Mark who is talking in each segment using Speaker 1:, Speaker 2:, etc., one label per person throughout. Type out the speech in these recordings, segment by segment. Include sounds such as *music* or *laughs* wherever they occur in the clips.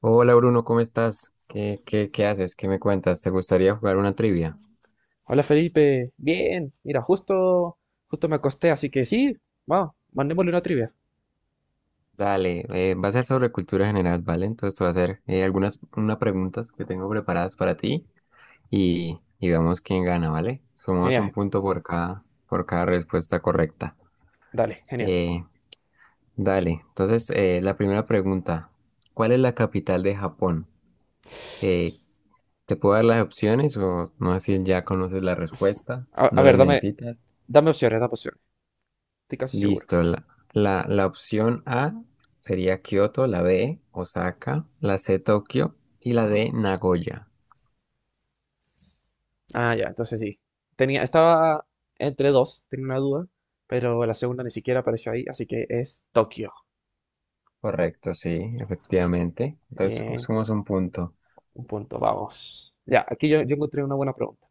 Speaker 1: Hola Bruno, ¿cómo estás? ¿Qué haces? ¿Qué me cuentas? ¿Te gustaría jugar una trivia?
Speaker 2: Hola Felipe, bien, mira, justo me acosté, así que sí, vamos, mandémosle una trivia.
Speaker 1: Dale, va a ser sobre cultura general, ¿vale? Entonces te voy a hacer algunas unas preguntas que tengo preparadas para ti y vemos quién gana, ¿vale? Sumamos un
Speaker 2: Genial,
Speaker 1: punto por cada respuesta correcta.
Speaker 2: dale, genial.
Speaker 1: Eh, dale, entonces la primera pregunta, ¿cuál es la capital de Japón? Eh, ¿Te puedo dar las opciones o no así ya conoces la respuesta?
Speaker 2: A, a
Speaker 1: ¿No la
Speaker 2: ver,
Speaker 1: necesitas?
Speaker 2: dame opciones, estoy casi seguro.
Speaker 1: Listo. La opción A sería Kioto, la B, Osaka, la C, Tokio y la D, Nagoya.
Speaker 2: Ah, ya, entonces sí. Estaba entre dos, tenía una duda, pero la segunda ni siquiera apareció ahí, así que es Tokio.
Speaker 1: Correcto, sí, efectivamente. Entonces,
Speaker 2: Bien,
Speaker 1: sumamos un punto.
Speaker 2: un punto, vamos. Ya, aquí yo encontré una buena pregunta.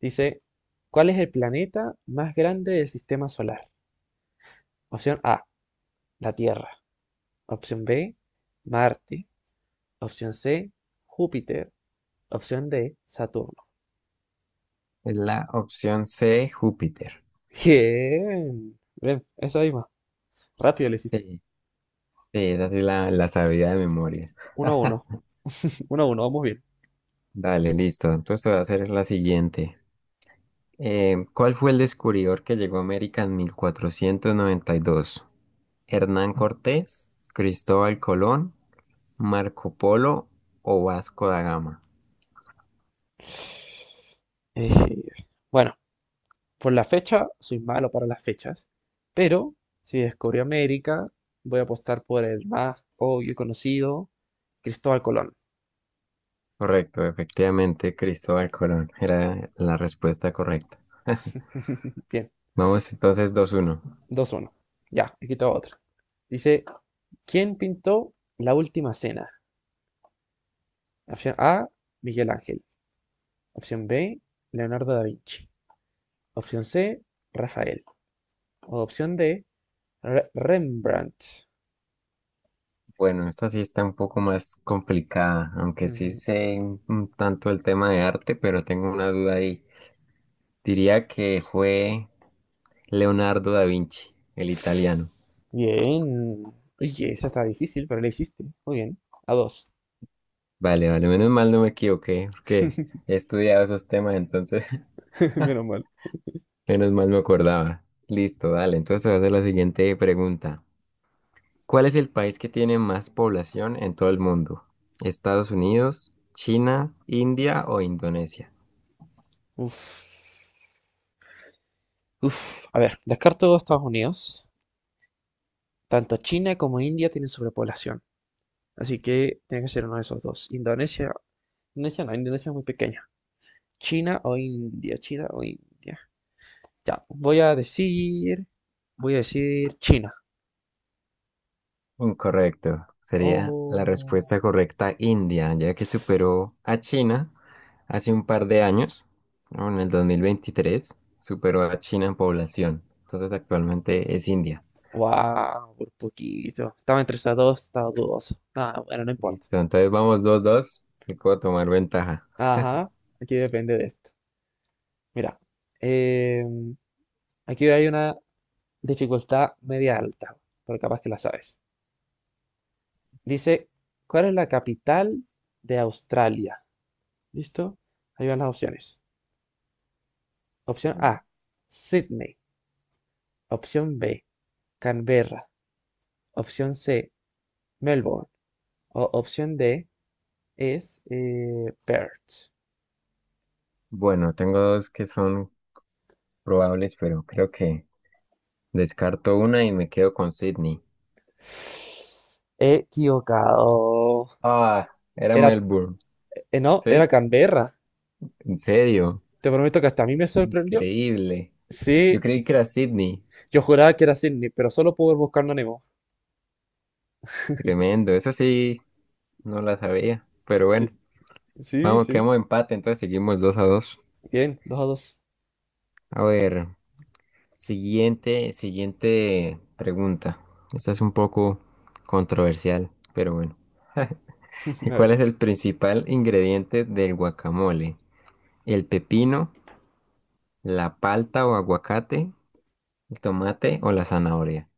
Speaker 2: Dice, ¿cuál es el planeta más grande del sistema solar? Opción A, la Tierra. Opción B, Marte. Opción C, Júpiter. Opción D, Saturno.
Speaker 1: Es la opción C, Júpiter.
Speaker 2: Bien. Bien, esa misma. Rápido le
Speaker 1: Sí,
Speaker 2: hiciste.
Speaker 1: sí, esa sí la sabía de memoria.
Speaker 2: Uno a
Speaker 1: *laughs*
Speaker 2: uno, *laughs* 1 uno, vamos bien.
Speaker 1: Dale, listo. Entonces te voy a hacer la siguiente. ¿Cuál fue el descubridor que llegó a América en 1492? ¿Hernán Cortés, Cristóbal Colón, Marco Polo o Vasco da Gama?
Speaker 2: Eh, bueno, por la fecha, soy malo para las fechas. Pero si descubrí América, voy a apostar por el más obvio y conocido, Cristóbal Colón.
Speaker 1: Correcto, efectivamente, Cristóbal Colón era la respuesta correcta.
Speaker 2: *laughs* Bien,
Speaker 1: Vamos entonces dos uno.
Speaker 2: 2-1. Ya, aquí tengo otra. Dice, ¿quién pintó la última cena? Opción A, Miguel Ángel. Opción B, Leonardo da Vinci. Opción C, Rafael. O opción D, Rembrandt.
Speaker 1: Bueno, esta sí está un poco más complicada, aunque sí
Speaker 2: Ujú.
Speaker 1: sé un tanto el tema de arte, pero tengo una duda ahí. Diría que fue Leonardo da Vinci, el italiano.
Speaker 2: Bien. Oye, esa está difícil, pero la hiciste. Muy bien. A dos.
Speaker 1: Vale, vale, menos mal no me equivoqué, porque
Speaker 2: *laughs*
Speaker 1: he estudiado esos temas, entonces *laughs*
Speaker 2: Menos mal.
Speaker 1: menos mal me acordaba. Listo, dale, entonces voy a hacer la siguiente pregunta. ¿Cuál es el país que tiene más población en todo el mundo? ¿Estados Unidos, China, India o Indonesia?
Speaker 2: Uf. Uf. A ver, descarto Estados Unidos. Tanto China como India tienen sobrepoblación. Así que tiene que ser uno de esos dos. Indonesia. Indonesia no, Indonesia es muy pequeña. China o India, China o India. Ya, voy a decir China.
Speaker 1: Incorrecto. Sería la
Speaker 2: Oh,
Speaker 1: respuesta correcta India, ya que superó a China hace un par de años, ¿no? En el 2023 superó a China en población. Entonces actualmente es India.
Speaker 2: wow, por poquito. Estaba entre esas dos, estaba dudoso. Ah, bueno, no importa.
Speaker 1: Listo, entonces vamos dos dos. Y puedo tomar ventaja. *laughs*
Speaker 2: Ajá, aquí depende de esto. Mira, em, aquí hay una dificultad media alta, pero capaz que la sabes. Dice, ¿cuál es la capital de Australia? ¿Listo? Ahí van las opciones. Opción
Speaker 1: Mm.
Speaker 2: A, Sydney. Opción B, Canberra. Opción C, Melbourne. Opción D es Perth.
Speaker 1: Bueno, tengo dos que son probables, pero creo que descarto una y me quedo con Sydney.
Speaker 2: Equivocado.
Speaker 1: Ah, era
Speaker 2: Era,
Speaker 1: Melbourne,
Speaker 2: no, era
Speaker 1: ¿sí?
Speaker 2: Canberra.
Speaker 1: En serio,
Speaker 2: Te prometo que hasta a mí me sorprendió.
Speaker 1: increíble. Yo
Speaker 2: Sí,
Speaker 1: creí que era Sydney,
Speaker 2: yo juraba que era Sydney, pero solo pude ir buscando a Nemo.
Speaker 1: tremendo. Eso sí, no la sabía. Pero bueno,
Speaker 2: Sí, sí,
Speaker 1: vamos,
Speaker 2: sí.
Speaker 1: quedamos empate, entonces seguimos dos a dos.
Speaker 2: Bien, 2-2.
Speaker 1: A ver, siguiente pregunta. Esta es un poco controversial, pero bueno.
Speaker 2: *laughs* A
Speaker 1: *laughs*
Speaker 2: ver.
Speaker 1: ¿Cuál es el principal ingrediente del guacamole? ¿El pepino, la palta o aguacate, el tomate o la zanahoria?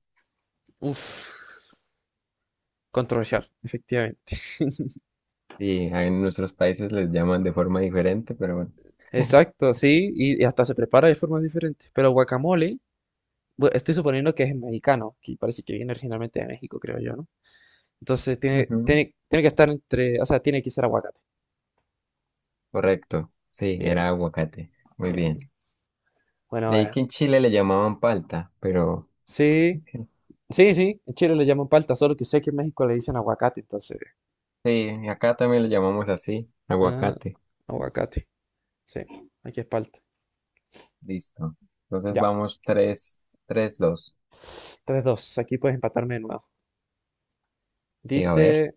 Speaker 2: Uf, controversial, efectivamente.
Speaker 1: Sí, en nuestros países les llaman de forma diferente, pero bueno. *laughs*
Speaker 2: Exacto, sí, y hasta se prepara de formas diferentes. Pero guacamole, estoy suponiendo que es mexicano, que parece que viene originalmente de México, creo yo, ¿no? Entonces
Speaker 1: Ujú.
Speaker 2: tiene que estar entre, o sea, tiene que ser aguacate.
Speaker 1: Correcto. Sí, era
Speaker 2: Bien,
Speaker 1: aguacate. Muy bien.
Speaker 2: bien. Bueno,
Speaker 1: De ahí
Speaker 2: ahora.
Speaker 1: que en Chile le llamaban palta, pero
Speaker 2: Sí,
Speaker 1: ok.
Speaker 2: sí, sí. En Chile le llaman palta, solo que sé que en México le dicen aguacate, entonces.
Speaker 1: Sí, acá también le llamamos así,
Speaker 2: Ah,
Speaker 1: aguacate.
Speaker 2: aguacate. Sí, aquí es palta.
Speaker 1: Listo. Entonces
Speaker 2: Ya.
Speaker 1: vamos tres, tres, dos.
Speaker 2: Tres dos. Aquí puedes empatarme de nuevo.
Speaker 1: Sí, a ver.
Speaker 2: Dice.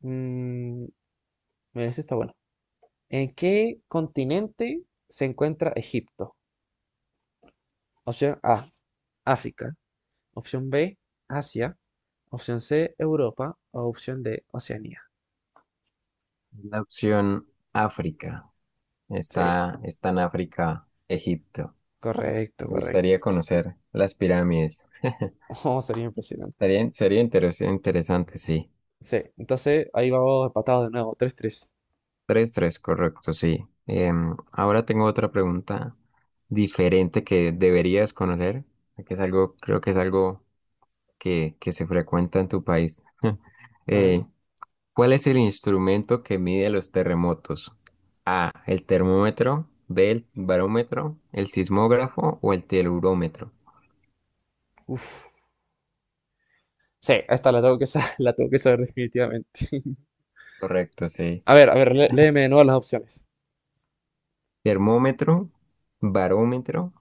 Speaker 2: mm, mira, ese está bueno. ¿En qué continente se encuentra Egipto? Opción A, África. Opción B, Asia. Opción C, Europa. O opción D, Oceanía.
Speaker 1: La opción África.
Speaker 2: Sí,
Speaker 1: Está en África, Egipto.
Speaker 2: correcto,
Speaker 1: Me
Speaker 2: correcto.
Speaker 1: gustaría
Speaker 2: *laughs*
Speaker 1: conocer las pirámides.
Speaker 2: Oh, sería impresionante.
Speaker 1: Sería interes- interesante, sí.
Speaker 2: Sí, entonces ahí vamos empatados de nuevo, 3-3.
Speaker 1: Tres, tres, correcto, sí. Em, ahora tengo otra pregunta diferente que deberías conocer, que es algo, creo que es algo que se frecuenta en tu país.
Speaker 2: A ver.
Speaker 1: Eh, ¿Cuál es el instrumento que mide los terremotos? A, el termómetro, B, el barómetro, el sismógrafo o el telurómetro.
Speaker 2: Uf. Sí, esta la tengo que saber, *laughs* la tengo que saber definitivamente. *laughs*
Speaker 1: Correcto, sí.
Speaker 2: A ver, léeme de nuevo las opciones.
Speaker 1: Termómetro, barómetro,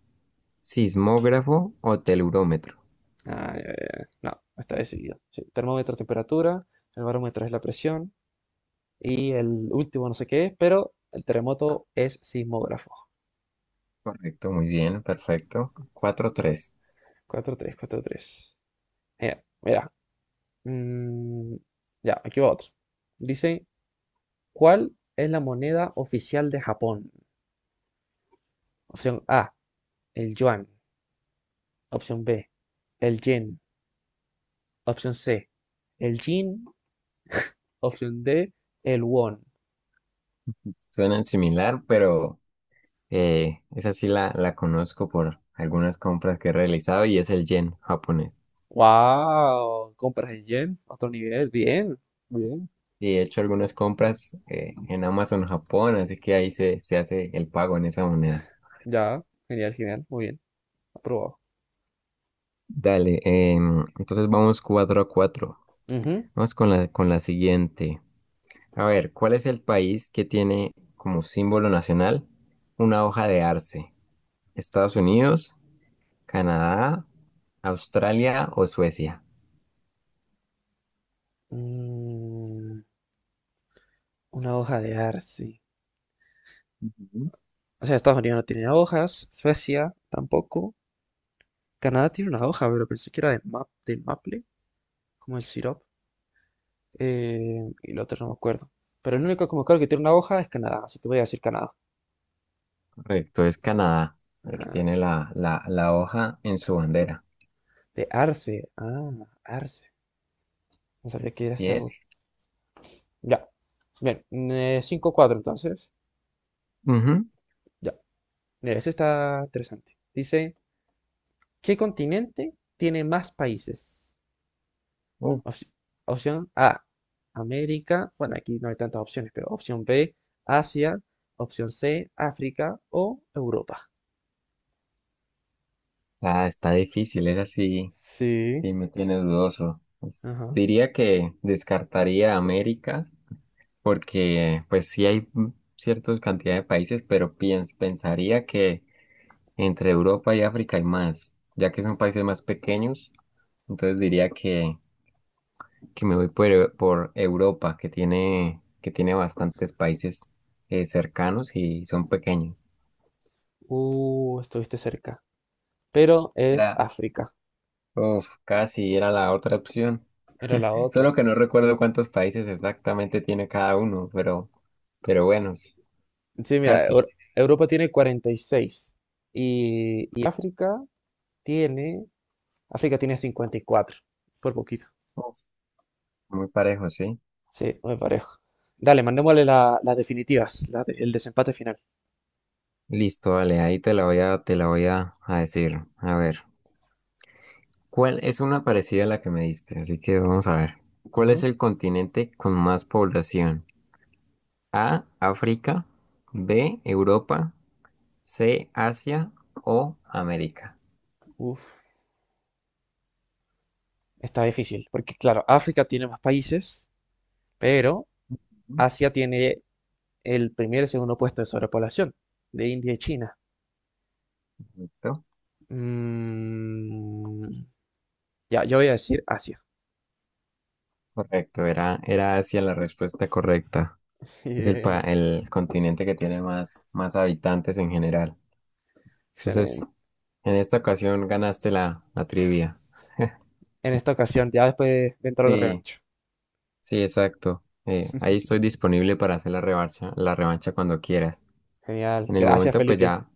Speaker 1: sismógrafo o telurómetro.
Speaker 2: Ah, ya, ya, ya. No, está decidido. Sí, termómetro, es temperatura, el barómetro es la presión y el último no sé qué es, pero el terremoto es sismógrafo.
Speaker 1: Correcto, muy bien, perfecto. Cuatro, tres.
Speaker 2: 4-3, 4-3. Mira, mira. Mm, ya, aquí va otro. Dice, ¿cuál es la moneda oficial de Japón? Opción A, el yuan. Opción B, el yen. Opción C, el yin. Opción D, el won.
Speaker 1: Suenan similar, pero esa sí la conozco por algunas compras que he realizado y es el yen japonés.
Speaker 2: ¡Wow! Compras en yen, otro nivel. Bien, bien.
Speaker 1: Y he hecho algunas compras en Amazon Japón, así que ahí se hace el pago en esa moneda.
Speaker 2: Ya, genial, genial. Muy bien, aprobado.
Speaker 1: Dale, entonces vamos 4 a 4.
Speaker 2: Ujú.
Speaker 1: Vamos con la siguiente. A ver, ¿cuál es el país que tiene como símbolo nacional una hoja de arce? ¿Estados Unidos, Canadá, Australia o Suecia?
Speaker 2: Mm, una hoja de arce. O sea, Estados Unidos no tiene hojas, Suecia tampoco. Canadá tiene una hoja, pero pensé que era de maple, como el sirope. Y el otro no me acuerdo. Pero el único que me acuerdo que tiene una hoja es Canadá, así que voy a decir Canadá.
Speaker 1: Correcto, es Canadá, el que
Speaker 2: Ah,
Speaker 1: tiene la hoja en su bandera.
Speaker 2: de arce, ah, arce. No sabía que era
Speaker 1: Así
Speaker 2: ese árbol.
Speaker 1: es.
Speaker 2: Ya, bien, 5-4 entonces.
Speaker 1: Ujú.
Speaker 2: Ya, mira, este está interesante. Dice, ¿qué continente tiene más países?
Speaker 1: Uh,
Speaker 2: Opci- opción A, América. Bueno, aquí no hay tantas opciones, pero opción B, Asia. Opción C, África o Europa.
Speaker 1: ah, está difícil, es así,
Speaker 2: Sí.
Speaker 1: sí me tiene dudoso. Es-
Speaker 2: Ajá.
Speaker 1: diría que descartaría América porque pues sí hay mm, ciertas cantidades de países, pero piens- pensaría que entre Europa y África hay más, ya que son países más pequeños, entonces diría que me voy por Europa, que tiene bastantes países cercanos y son pequeños.
Speaker 2: Estuviste cerca, pero es
Speaker 1: Era,
Speaker 2: África.
Speaker 1: uf, casi era la otra opción.
Speaker 2: Era la otra.
Speaker 1: Solo que no recuerdo cuántos países exactamente tiene cada uno, pero bueno, sí,
Speaker 2: Sí, mira,
Speaker 1: casi.
Speaker 2: Europa tiene 46 y tiene, África tiene, 54 por poquito.
Speaker 1: Uf, muy parejo, sí.
Speaker 2: Sí, muy parejo. Dale, mandémosle las definitivas, el desempate final.
Speaker 1: Listo, vale, ahí te la voy a, te la voy a decir. A ver, ¿cuál es una parecida a la que me diste? Así que vamos a ver. ¿Cuál es
Speaker 2: Ujú.
Speaker 1: el continente con más población? A, África, B, Europa, C, Asia o América.
Speaker 2: Uf, está difícil, porque claro, África tiene más países, pero Asia tiene el primer y segundo puesto de sobrepoblación, de India y China.
Speaker 1: Correcto.
Speaker 2: Mm, ya, yo voy a decir Asia.
Speaker 1: Correcto, era Asia la respuesta correcta.
Speaker 2: *laughs*
Speaker 1: Es el, pa-
Speaker 2: Bien,
Speaker 1: el continente que tiene más, más habitantes en general. Entonces,
Speaker 2: excelente.
Speaker 1: en esta ocasión ganaste la trivia. *laughs*
Speaker 2: En esta ocasión, ya después dentro de la
Speaker 1: Sí,
Speaker 2: revancha.
Speaker 1: sí, exacto. Ahí estoy disponible para hacer la revancha cuando quieras.
Speaker 2: Genial,
Speaker 1: En el
Speaker 2: gracias
Speaker 1: momento, pues
Speaker 2: Felipe.
Speaker 1: ya,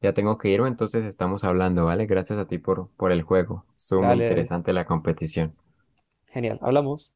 Speaker 1: ya tengo que irme, entonces estamos hablando, ¿vale? Gracias a ti por el juego. Estuvo muy
Speaker 2: Dale, dale.
Speaker 1: interesante la competición.
Speaker 2: Genial, hablamos.